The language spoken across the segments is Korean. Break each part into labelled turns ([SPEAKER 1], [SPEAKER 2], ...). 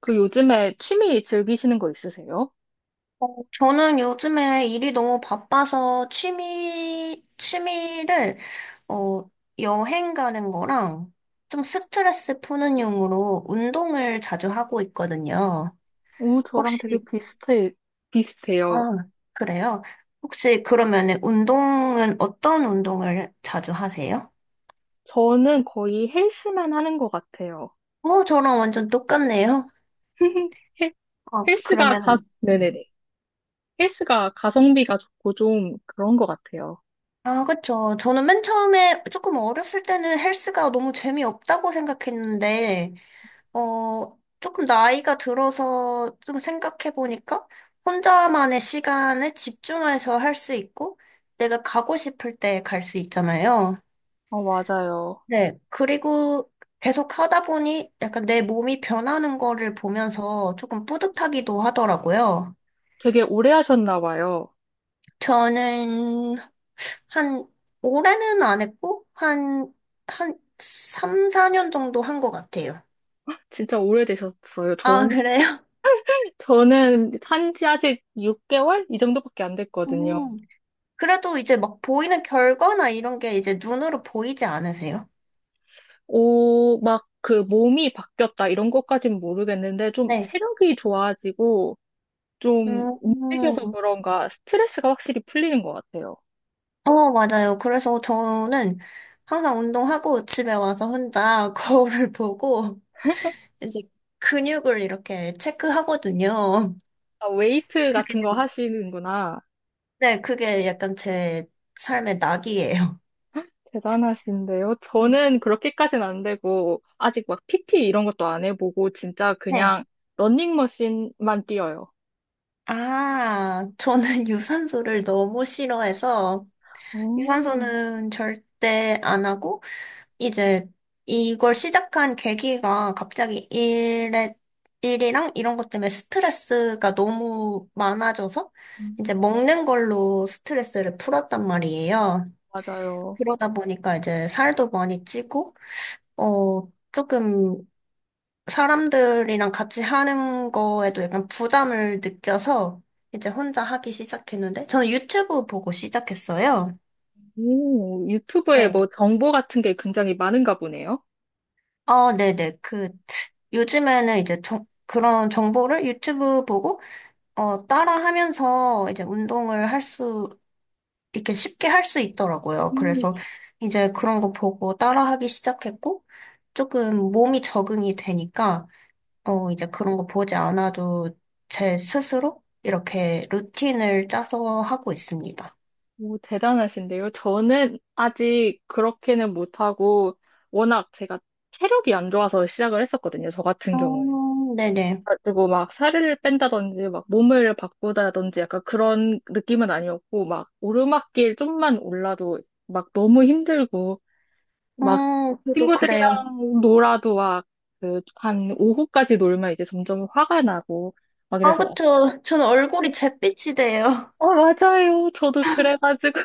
[SPEAKER 1] 그 요즘에 취미 즐기시는 거 있으세요?
[SPEAKER 2] 저는 요즘에 일이 너무 바빠서 어, 여행 가는 거랑 좀 스트레스 푸는 용으로 운동을 자주 하고 있거든요.
[SPEAKER 1] 오, 저랑 되게
[SPEAKER 2] 혹시,
[SPEAKER 1] 비슷해요.
[SPEAKER 2] 아, 그래요? 혹시 그러면은 운동은 어떤 운동을 자주 하세요?
[SPEAKER 1] 저는 거의 헬스만 하는 것 같아요.
[SPEAKER 2] 저랑 완전 똑같네요.
[SPEAKER 1] 헬-
[SPEAKER 2] 아,
[SPEAKER 1] 헬스가
[SPEAKER 2] 그러면은. 네.
[SPEAKER 1] 네네네. 헬스가 가성비가 좋고 좀 그런 것 같아요.
[SPEAKER 2] 아, 그쵸. 저는 맨 처음에 조금 어렸을 때는 헬스가 너무 재미없다고 생각했는데, 조금 나이가 들어서 좀 생각해보니까 혼자만의 시간에 집중해서 할 수 있고 내가 가고 싶을 때 갈 수 있잖아요.
[SPEAKER 1] 어, 맞아요.
[SPEAKER 2] 네. 그리고 계속 하다 보니 약간 내 몸이 변하는 거를 보면서 조금 뿌듯하기도 하더라고요.
[SPEAKER 1] 되게 오래 하셨나 봐요.
[SPEAKER 2] 저는 한 올해는 안 했고 한 3, 4년 정도 한 것 같아요.
[SPEAKER 1] 진짜 오래되셨어요.
[SPEAKER 2] 아, 그래요?
[SPEAKER 1] 저는 한 지 아직 6개월? 이 정도밖에 안 됐거든요.
[SPEAKER 2] 음. 그래도 이제 막 보이는 결과나 이런 게 이제 눈으로 보이지 않으세요?
[SPEAKER 1] 오, 막 그 몸이 바뀌었다 이런 것까진 모르겠는데 좀
[SPEAKER 2] 네.
[SPEAKER 1] 체력이 좋아지고 좀
[SPEAKER 2] 음,
[SPEAKER 1] 움직여서 그런가 스트레스가 확실히 풀리는 것 같아요.
[SPEAKER 2] 맞아요. 그래서 저는 항상 운동하고 집에 와서 혼자 거울을 보고 이제 근육을 이렇게 체크하거든요.
[SPEAKER 1] 아, 웨이트
[SPEAKER 2] 그게,
[SPEAKER 1] 같은 거 하시는구나.
[SPEAKER 2] 네, 그게 약간 제 삶의 낙이에요.
[SPEAKER 1] 대단하신데요.
[SPEAKER 2] 네.
[SPEAKER 1] 저는 그렇게까지는 안 되고, 아직 막 PT 이런 것도 안 해보고, 진짜
[SPEAKER 2] 네.
[SPEAKER 1] 그냥 러닝머신만 뛰어요.
[SPEAKER 2] 아, 저는 유산소를 너무 싫어해서
[SPEAKER 1] 오,
[SPEAKER 2] 유산소는 절대 안 하고 이제 이걸 시작한 계기가 갑자기 일이랑 이런 것 때문에 스트레스가 너무 많아져서
[SPEAKER 1] 음,
[SPEAKER 2] 이제 먹는 걸로 스트레스를 풀었단 말이에요.
[SPEAKER 1] 맞아요.
[SPEAKER 2] 그러다 보니까 이제 살도 많이 찌고, 조금 사람들이랑 같이 하는 거에도 약간 부담을 느껴서 이제 혼자 하기 시작했는데, 저는 유튜브 보고 시작했어요.
[SPEAKER 1] 오, 유튜브에
[SPEAKER 2] 네.
[SPEAKER 1] 뭐 정보 같은 게 굉장히 많은가 보네요.
[SPEAKER 2] 네네. 그 요즘에는 이제 그런 정보를 유튜브 보고 따라하면서 이제 운동을 이렇게 쉽게 할 수 있더라고요.
[SPEAKER 1] 음.
[SPEAKER 2] 그래서 이제 그런 거 보고 따라하기 시작했고 조금 몸이 적응이 되니까 이제 그런 거 보지 않아도 제 스스로 이렇게 루틴을 짜서 하고 있습니다.
[SPEAKER 1] 오, 대단하신데요. 저는 아직 그렇게는 못하고, 워낙 제가 체력이 안 좋아서 시작을 했었거든요. 저 같은 경우에는.
[SPEAKER 2] 네네.
[SPEAKER 1] 그리고 막 살을 뺀다든지, 막 몸을 바꾸다든지 약간 그런 느낌은 아니었고, 막 오르막길 좀만 올라도 막 너무 힘들고, 막
[SPEAKER 2] 저도 그래요.
[SPEAKER 1] 친구들이랑 놀아도 막 그 한 오후까지 놀면 이제 점점 화가 나고, 막
[SPEAKER 2] 아,
[SPEAKER 1] 이래서,
[SPEAKER 2] 그쵸. 저는 얼굴이 잿빛이 돼요.
[SPEAKER 1] 어, 맞아요. 저도 그래가지고.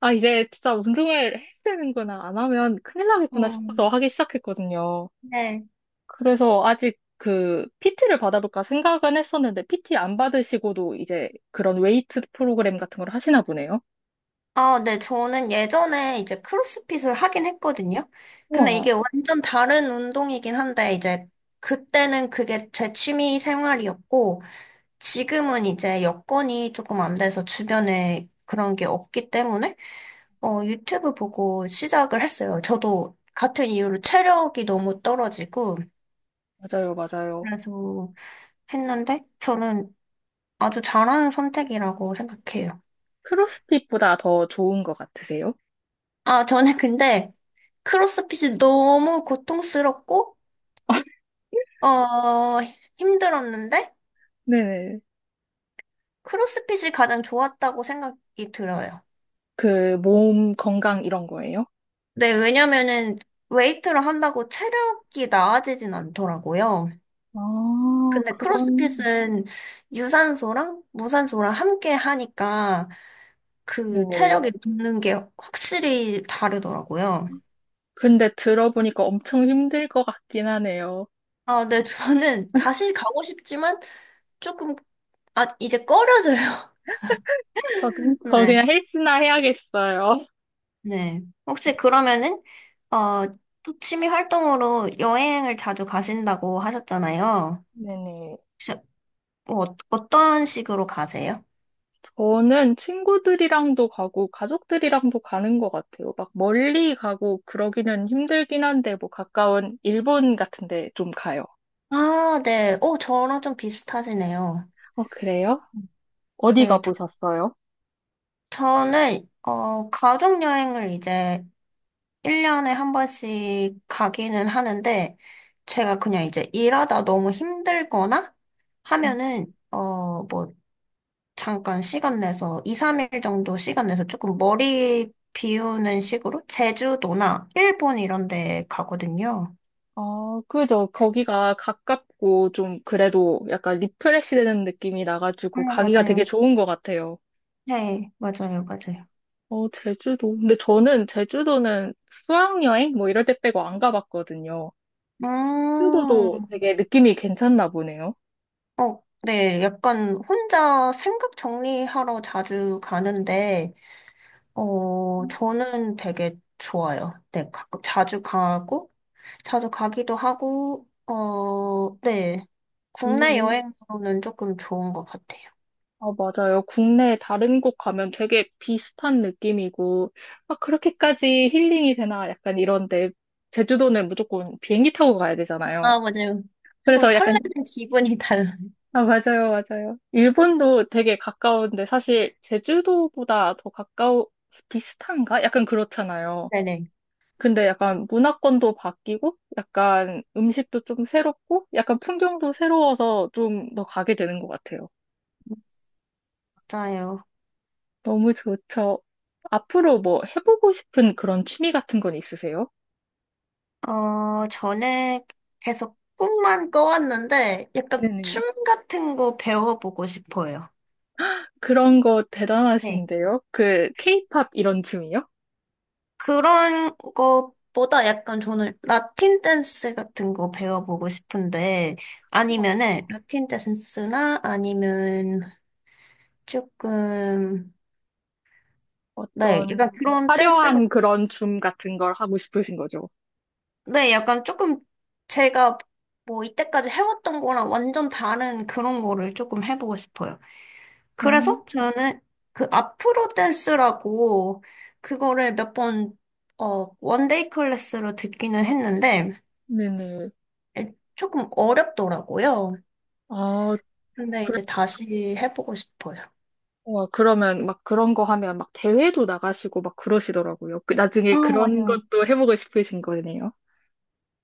[SPEAKER 1] 아, 이제 진짜 운동을 해야 되는구나. 안 하면 큰일 나겠구나 싶어서
[SPEAKER 2] 음,
[SPEAKER 1] 하기 시작했거든요.
[SPEAKER 2] 네.
[SPEAKER 1] 그래서 아직 그 PT를 받아볼까 생각은 했었는데 PT 안 받으시고도 이제 그런 웨이트 프로그램 같은 걸 하시나 보네요.
[SPEAKER 2] 아, 네, 저는 예전에 이제 크로스핏을 하긴 했거든요. 근데
[SPEAKER 1] 우와,
[SPEAKER 2] 이게 완전 다른 운동이긴 한데, 이제 그때는 그게 제 취미 생활이었고, 지금은 이제 여건이 조금 안 돼서 주변에 그런 게 없기 때문에, 유튜브 보고 시작을 했어요. 저도 같은 이유로 체력이 너무 떨어지고,
[SPEAKER 1] 맞아요, 맞아요.
[SPEAKER 2] 그래서 했는데, 저는 아주 잘하는 선택이라고 생각해요.
[SPEAKER 1] 크로스핏보다 더 좋은 것 같으세요?
[SPEAKER 2] 아, 저는 근데 크로스핏이 너무 고통스럽고, 어, 힘들었는데?
[SPEAKER 1] 네네.
[SPEAKER 2] 크로스핏이 가장 좋았다고 생각이 들어요.
[SPEAKER 1] 그 몸 건강 이런 거예요?
[SPEAKER 2] 네, 왜냐면은 웨이트를 한다고 체력이 나아지진 않더라고요.
[SPEAKER 1] 아,
[SPEAKER 2] 근데
[SPEAKER 1] 그런,
[SPEAKER 2] 크로스핏은 유산소랑 무산소랑 함께 하니까 그
[SPEAKER 1] 네네.
[SPEAKER 2] 체력이 붙는 게 확실히 다르더라고요.
[SPEAKER 1] 근데 들어보니까 엄청 힘들 것 같긴 하네요.
[SPEAKER 2] 아, 네, 저는 다시 가고 싶지만 조금, 아, 이제 꺼려져요.
[SPEAKER 1] 저
[SPEAKER 2] 네.
[SPEAKER 1] 그냥 헬스나 해야겠어요.
[SPEAKER 2] 네. 혹시 그러면은, 어, 또 취미 활동으로 여행을 자주 가신다고 하셨잖아요.
[SPEAKER 1] 네네.
[SPEAKER 2] 혹시 뭐 어떤 식으로 가세요?
[SPEAKER 1] 저는 친구들이랑도 가고 가족들이랑도 가는 것 같아요. 막 멀리 가고 그러기는 힘들긴 한데 뭐 가까운 일본 같은 데 좀 가요.
[SPEAKER 2] 아, 네. 오, 저랑 좀 비슷하시네요.
[SPEAKER 1] 어, 그래요? 어디
[SPEAKER 2] 네. 저,
[SPEAKER 1] 가보셨어요?
[SPEAKER 2] 저는, 가족여행을 이제 1년에 한 번씩 가기는 하는데, 제가 그냥 이제 일하다 너무 힘들거나 하면은, 뭐, 잠깐 시간 내서 2, 3일 정도 시간 내서 조금 머리 비우는 식으로 제주도나 일본 이런 데 가거든요.
[SPEAKER 1] 어, 그죠. 거기가 가깝고 좀 그래도 약간 리프레시 되는 느낌이
[SPEAKER 2] 아,
[SPEAKER 1] 나가지고 가기가 되게
[SPEAKER 2] 맞아요.
[SPEAKER 1] 좋은 것 같아요.
[SPEAKER 2] 네, 맞아요, 맞아요.
[SPEAKER 1] 어, 제주도. 근데 저는 제주도는 수학여행 뭐 이럴 때 빼고 안 가봤거든요. 제주도도
[SPEAKER 2] 음,
[SPEAKER 1] 되게 느낌이 괜찮나 보네요.
[SPEAKER 2] 네, 약간 혼자 생각 정리하러 자주 가는데, 저는 되게 좋아요. 네, 가끔 자주 가고, 자주 가기도 하고, 네, 국내
[SPEAKER 1] 오,
[SPEAKER 2] 여행으로는 조금 좋은 것 같아요.
[SPEAKER 1] 어, 맞아요. 국내 다른 곳 가면 되게 비슷한 느낌이고, 아, 그렇게까지 힐링이 되나? 약간 이런데, 제주도는 무조건 비행기 타고 가야 되잖아요.
[SPEAKER 2] 아, 맞아요. 조금
[SPEAKER 1] 그래서 약간,
[SPEAKER 2] 설레는 기분이 달라요.
[SPEAKER 1] 아, 맞아요, 맞아요. 일본도 되게 가까운데, 사실 제주도보다 더 가까워, 비슷한가? 약간 그렇잖아요.
[SPEAKER 2] 네네,
[SPEAKER 1] 근데 약간 문화권도 바뀌고, 약간 음식도 좀 새롭고, 약간 풍경도 새로워서 좀 더 가게 되는 것 같아요.
[SPEAKER 2] 맞아요.
[SPEAKER 1] 너무 좋죠. 앞으로 뭐 해보고 싶은 그런 취미 같은 건 있으세요?
[SPEAKER 2] 전에 계속 꿈만 꿔왔는데, 약간
[SPEAKER 1] 네네.
[SPEAKER 2] 춤 같은 거 배워보고 싶어요.
[SPEAKER 1] 그런 거
[SPEAKER 2] 네.
[SPEAKER 1] 대단하신데요? 그 케이팝 이런 춤이요?
[SPEAKER 2] 그런 것보다 약간 저는 라틴 댄스 같은 거 배워보고 싶은데, 아니면은,
[SPEAKER 1] 어,
[SPEAKER 2] 라틴 댄스나 아니면 조금, 네,
[SPEAKER 1] 어떤
[SPEAKER 2] 약간 그런 댄스
[SPEAKER 1] 화려한 그런 춤 같은 걸 하고 싶으신 거죠?
[SPEAKER 2] 네, 약간 조금 제가 뭐 이때까지 해왔던 거랑 완전 다른 그런 거를 조금 해보고 싶어요.
[SPEAKER 1] 어,
[SPEAKER 2] 그래서 저는 그 아프로 댄스라고 그거를 몇 번, 원데이 클래스로 듣기는 했는데
[SPEAKER 1] 네네.
[SPEAKER 2] 조금 어렵더라고요.
[SPEAKER 1] 아,
[SPEAKER 2] 근데
[SPEAKER 1] 그래.
[SPEAKER 2] 이제 다시 해보고 싶어요.
[SPEAKER 1] 와, 그러면 막 그런 거 하면 막 대회도 나가시고 막 그러시더라고요. 그
[SPEAKER 2] 아,
[SPEAKER 1] 나중에 그런
[SPEAKER 2] 맞아요.
[SPEAKER 1] 것도 해보고 싶으신 거네요.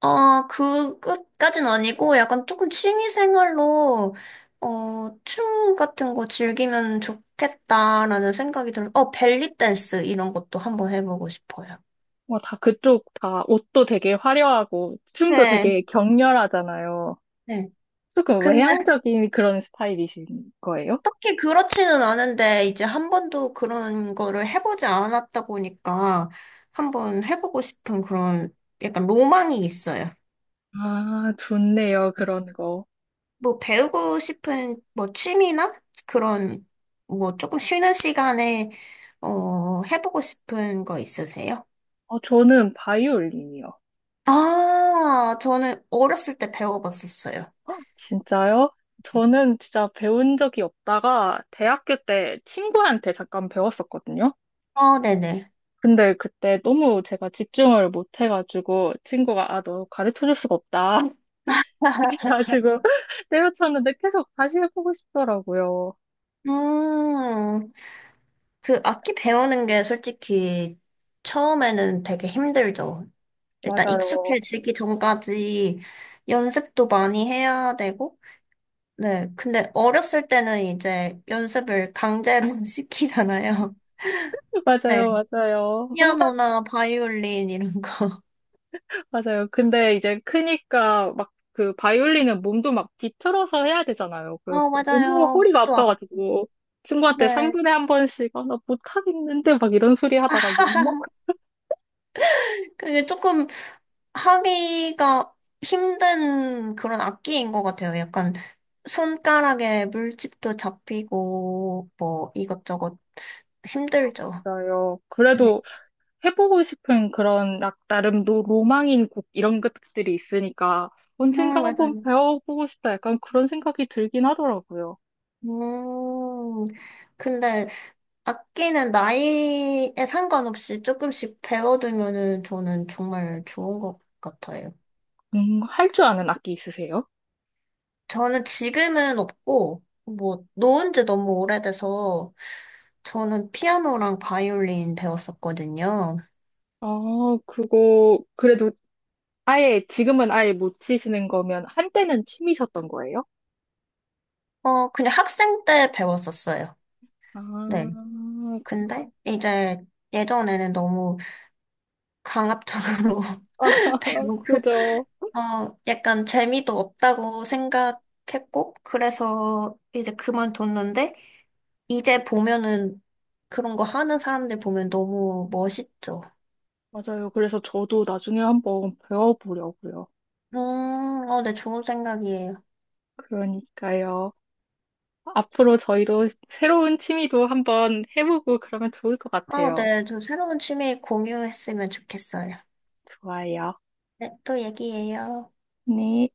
[SPEAKER 2] 아, 그, 끝까진 아니고, 약간 조금 취미 생활로, 춤 같은 거 즐기면 좋겠다라는 생각이 들어. 벨리 댄스 이런 것도 한번 해보고 싶어요.
[SPEAKER 1] 와, 다 그쪽 다 옷도 되게 화려하고 춤도
[SPEAKER 2] 네.
[SPEAKER 1] 되게 격렬하잖아요.
[SPEAKER 2] 네.
[SPEAKER 1] 조금
[SPEAKER 2] 근데
[SPEAKER 1] 외향적인 그런 스타일이신 거예요?
[SPEAKER 2] 딱히 그렇지는 않은데, 이제 한 번도 그런 거를 해보지 않았다 보니까, 한번 해보고 싶은 그런 약간 로망이 있어요.
[SPEAKER 1] 아, 좋네요. 그런 거.
[SPEAKER 2] 뭐 배우고 싶은 뭐 취미나 그런 뭐 조금 쉬는 시간에 해보고 싶은 거 있으세요?
[SPEAKER 1] 어, 저는 바이올린이요.
[SPEAKER 2] 아, 저는 어렸을 때 배워봤었어요.
[SPEAKER 1] 헉, 진짜요? 저는 진짜 배운 적이 없다가 대학교 때 친구한테 잠깐 배웠었거든요.
[SPEAKER 2] 아, 네네.
[SPEAKER 1] 근데 그때 너무 제가 집중을 못 해가지고 친구가 아, 너 가르쳐 줄 수가 없다. 그래가지고 때려쳤는데 계속 다시 해보고 싶더라고요.
[SPEAKER 2] 음, 그 악기 배우는 게 솔직히 처음에는 되게 힘들죠. 일단
[SPEAKER 1] 맞아요.
[SPEAKER 2] 익숙해지기 전까지 연습도 많이 해야 되고, 네. 근데 어렸을 때는 이제 연습을 강제로 시키잖아요. 네
[SPEAKER 1] 맞아요.
[SPEAKER 2] 피아노나 바이올린 이런 거.
[SPEAKER 1] 근데 이제 크니까 막 그 바이올린은 몸도 막 뒤틀어서 해야 되잖아요. 그래서 너무
[SPEAKER 2] 맞아요.
[SPEAKER 1] 허리가
[SPEAKER 2] 목도 아프
[SPEAKER 1] 아파가지고 친구한테
[SPEAKER 2] 네.
[SPEAKER 1] 3분에 한 번씩 아, 나 못하겠는데 막 이런 소리 하다가
[SPEAKER 2] 그게 조금 하기가 힘든 그런 악기인 것 같아요. 약간 손가락에 물집도 잡히고 뭐 이것저것 힘들죠.
[SPEAKER 1] 욕먹었어요.
[SPEAKER 2] 네.
[SPEAKER 1] 그래도 해보고 싶은 그런 나름 로망인 곡 이런 것들이 있으니까 언젠간 한번
[SPEAKER 2] 맞아요.
[SPEAKER 1] 배워보고 싶다 약간 그런 생각이 들긴 하더라고요.
[SPEAKER 2] 음, 근데 악기는 나이에 상관없이 조금씩 배워두면은 저는 정말 좋은 것 같아요.
[SPEAKER 1] 할 줄 아는 악기 있으세요?
[SPEAKER 2] 저는 지금은 없고, 뭐, 놓은 지 너무 오래돼서, 저는 피아노랑 바이올린 배웠었거든요.
[SPEAKER 1] 아, 그거 그래도 아예, 지금은 아예 못 치시는 거면, 한때는 취미셨던 거예요?
[SPEAKER 2] 그냥 학생 때 배웠었어요. 네.
[SPEAKER 1] 아, 그-
[SPEAKER 2] 근데 이제 예전에는 너무 강압적으로
[SPEAKER 1] 아,
[SPEAKER 2] 배우고,
[SPEAKER 1] 그죠.
[SPEAKER 2] 약간 재미도 없다고 생각했고, 그래서 이제 그만뒀는데, 이제 보면은 그런 거 하는 사람들 보면 너무 멋있죠.
[SPEAKER 1] 맞아요. 그래서 저도 나중에 한번 배워보려고요.
[SPEAKER 2] 음, 네, 좋은 생각이에요.
[SPEAKER 1] 그러니까요. 앞으로 저희도 새로운 취미도 한번 해보고 그러면 좋을 것 같아요.
[SPEAKER 2] 네, 저 새로운 취미 공유했으면 좋겠어요.
[SPEAKER 1] 좋아요.
[SPEAKER 2] 네, 또 얘기해요.
[SPEAKER 1] 네.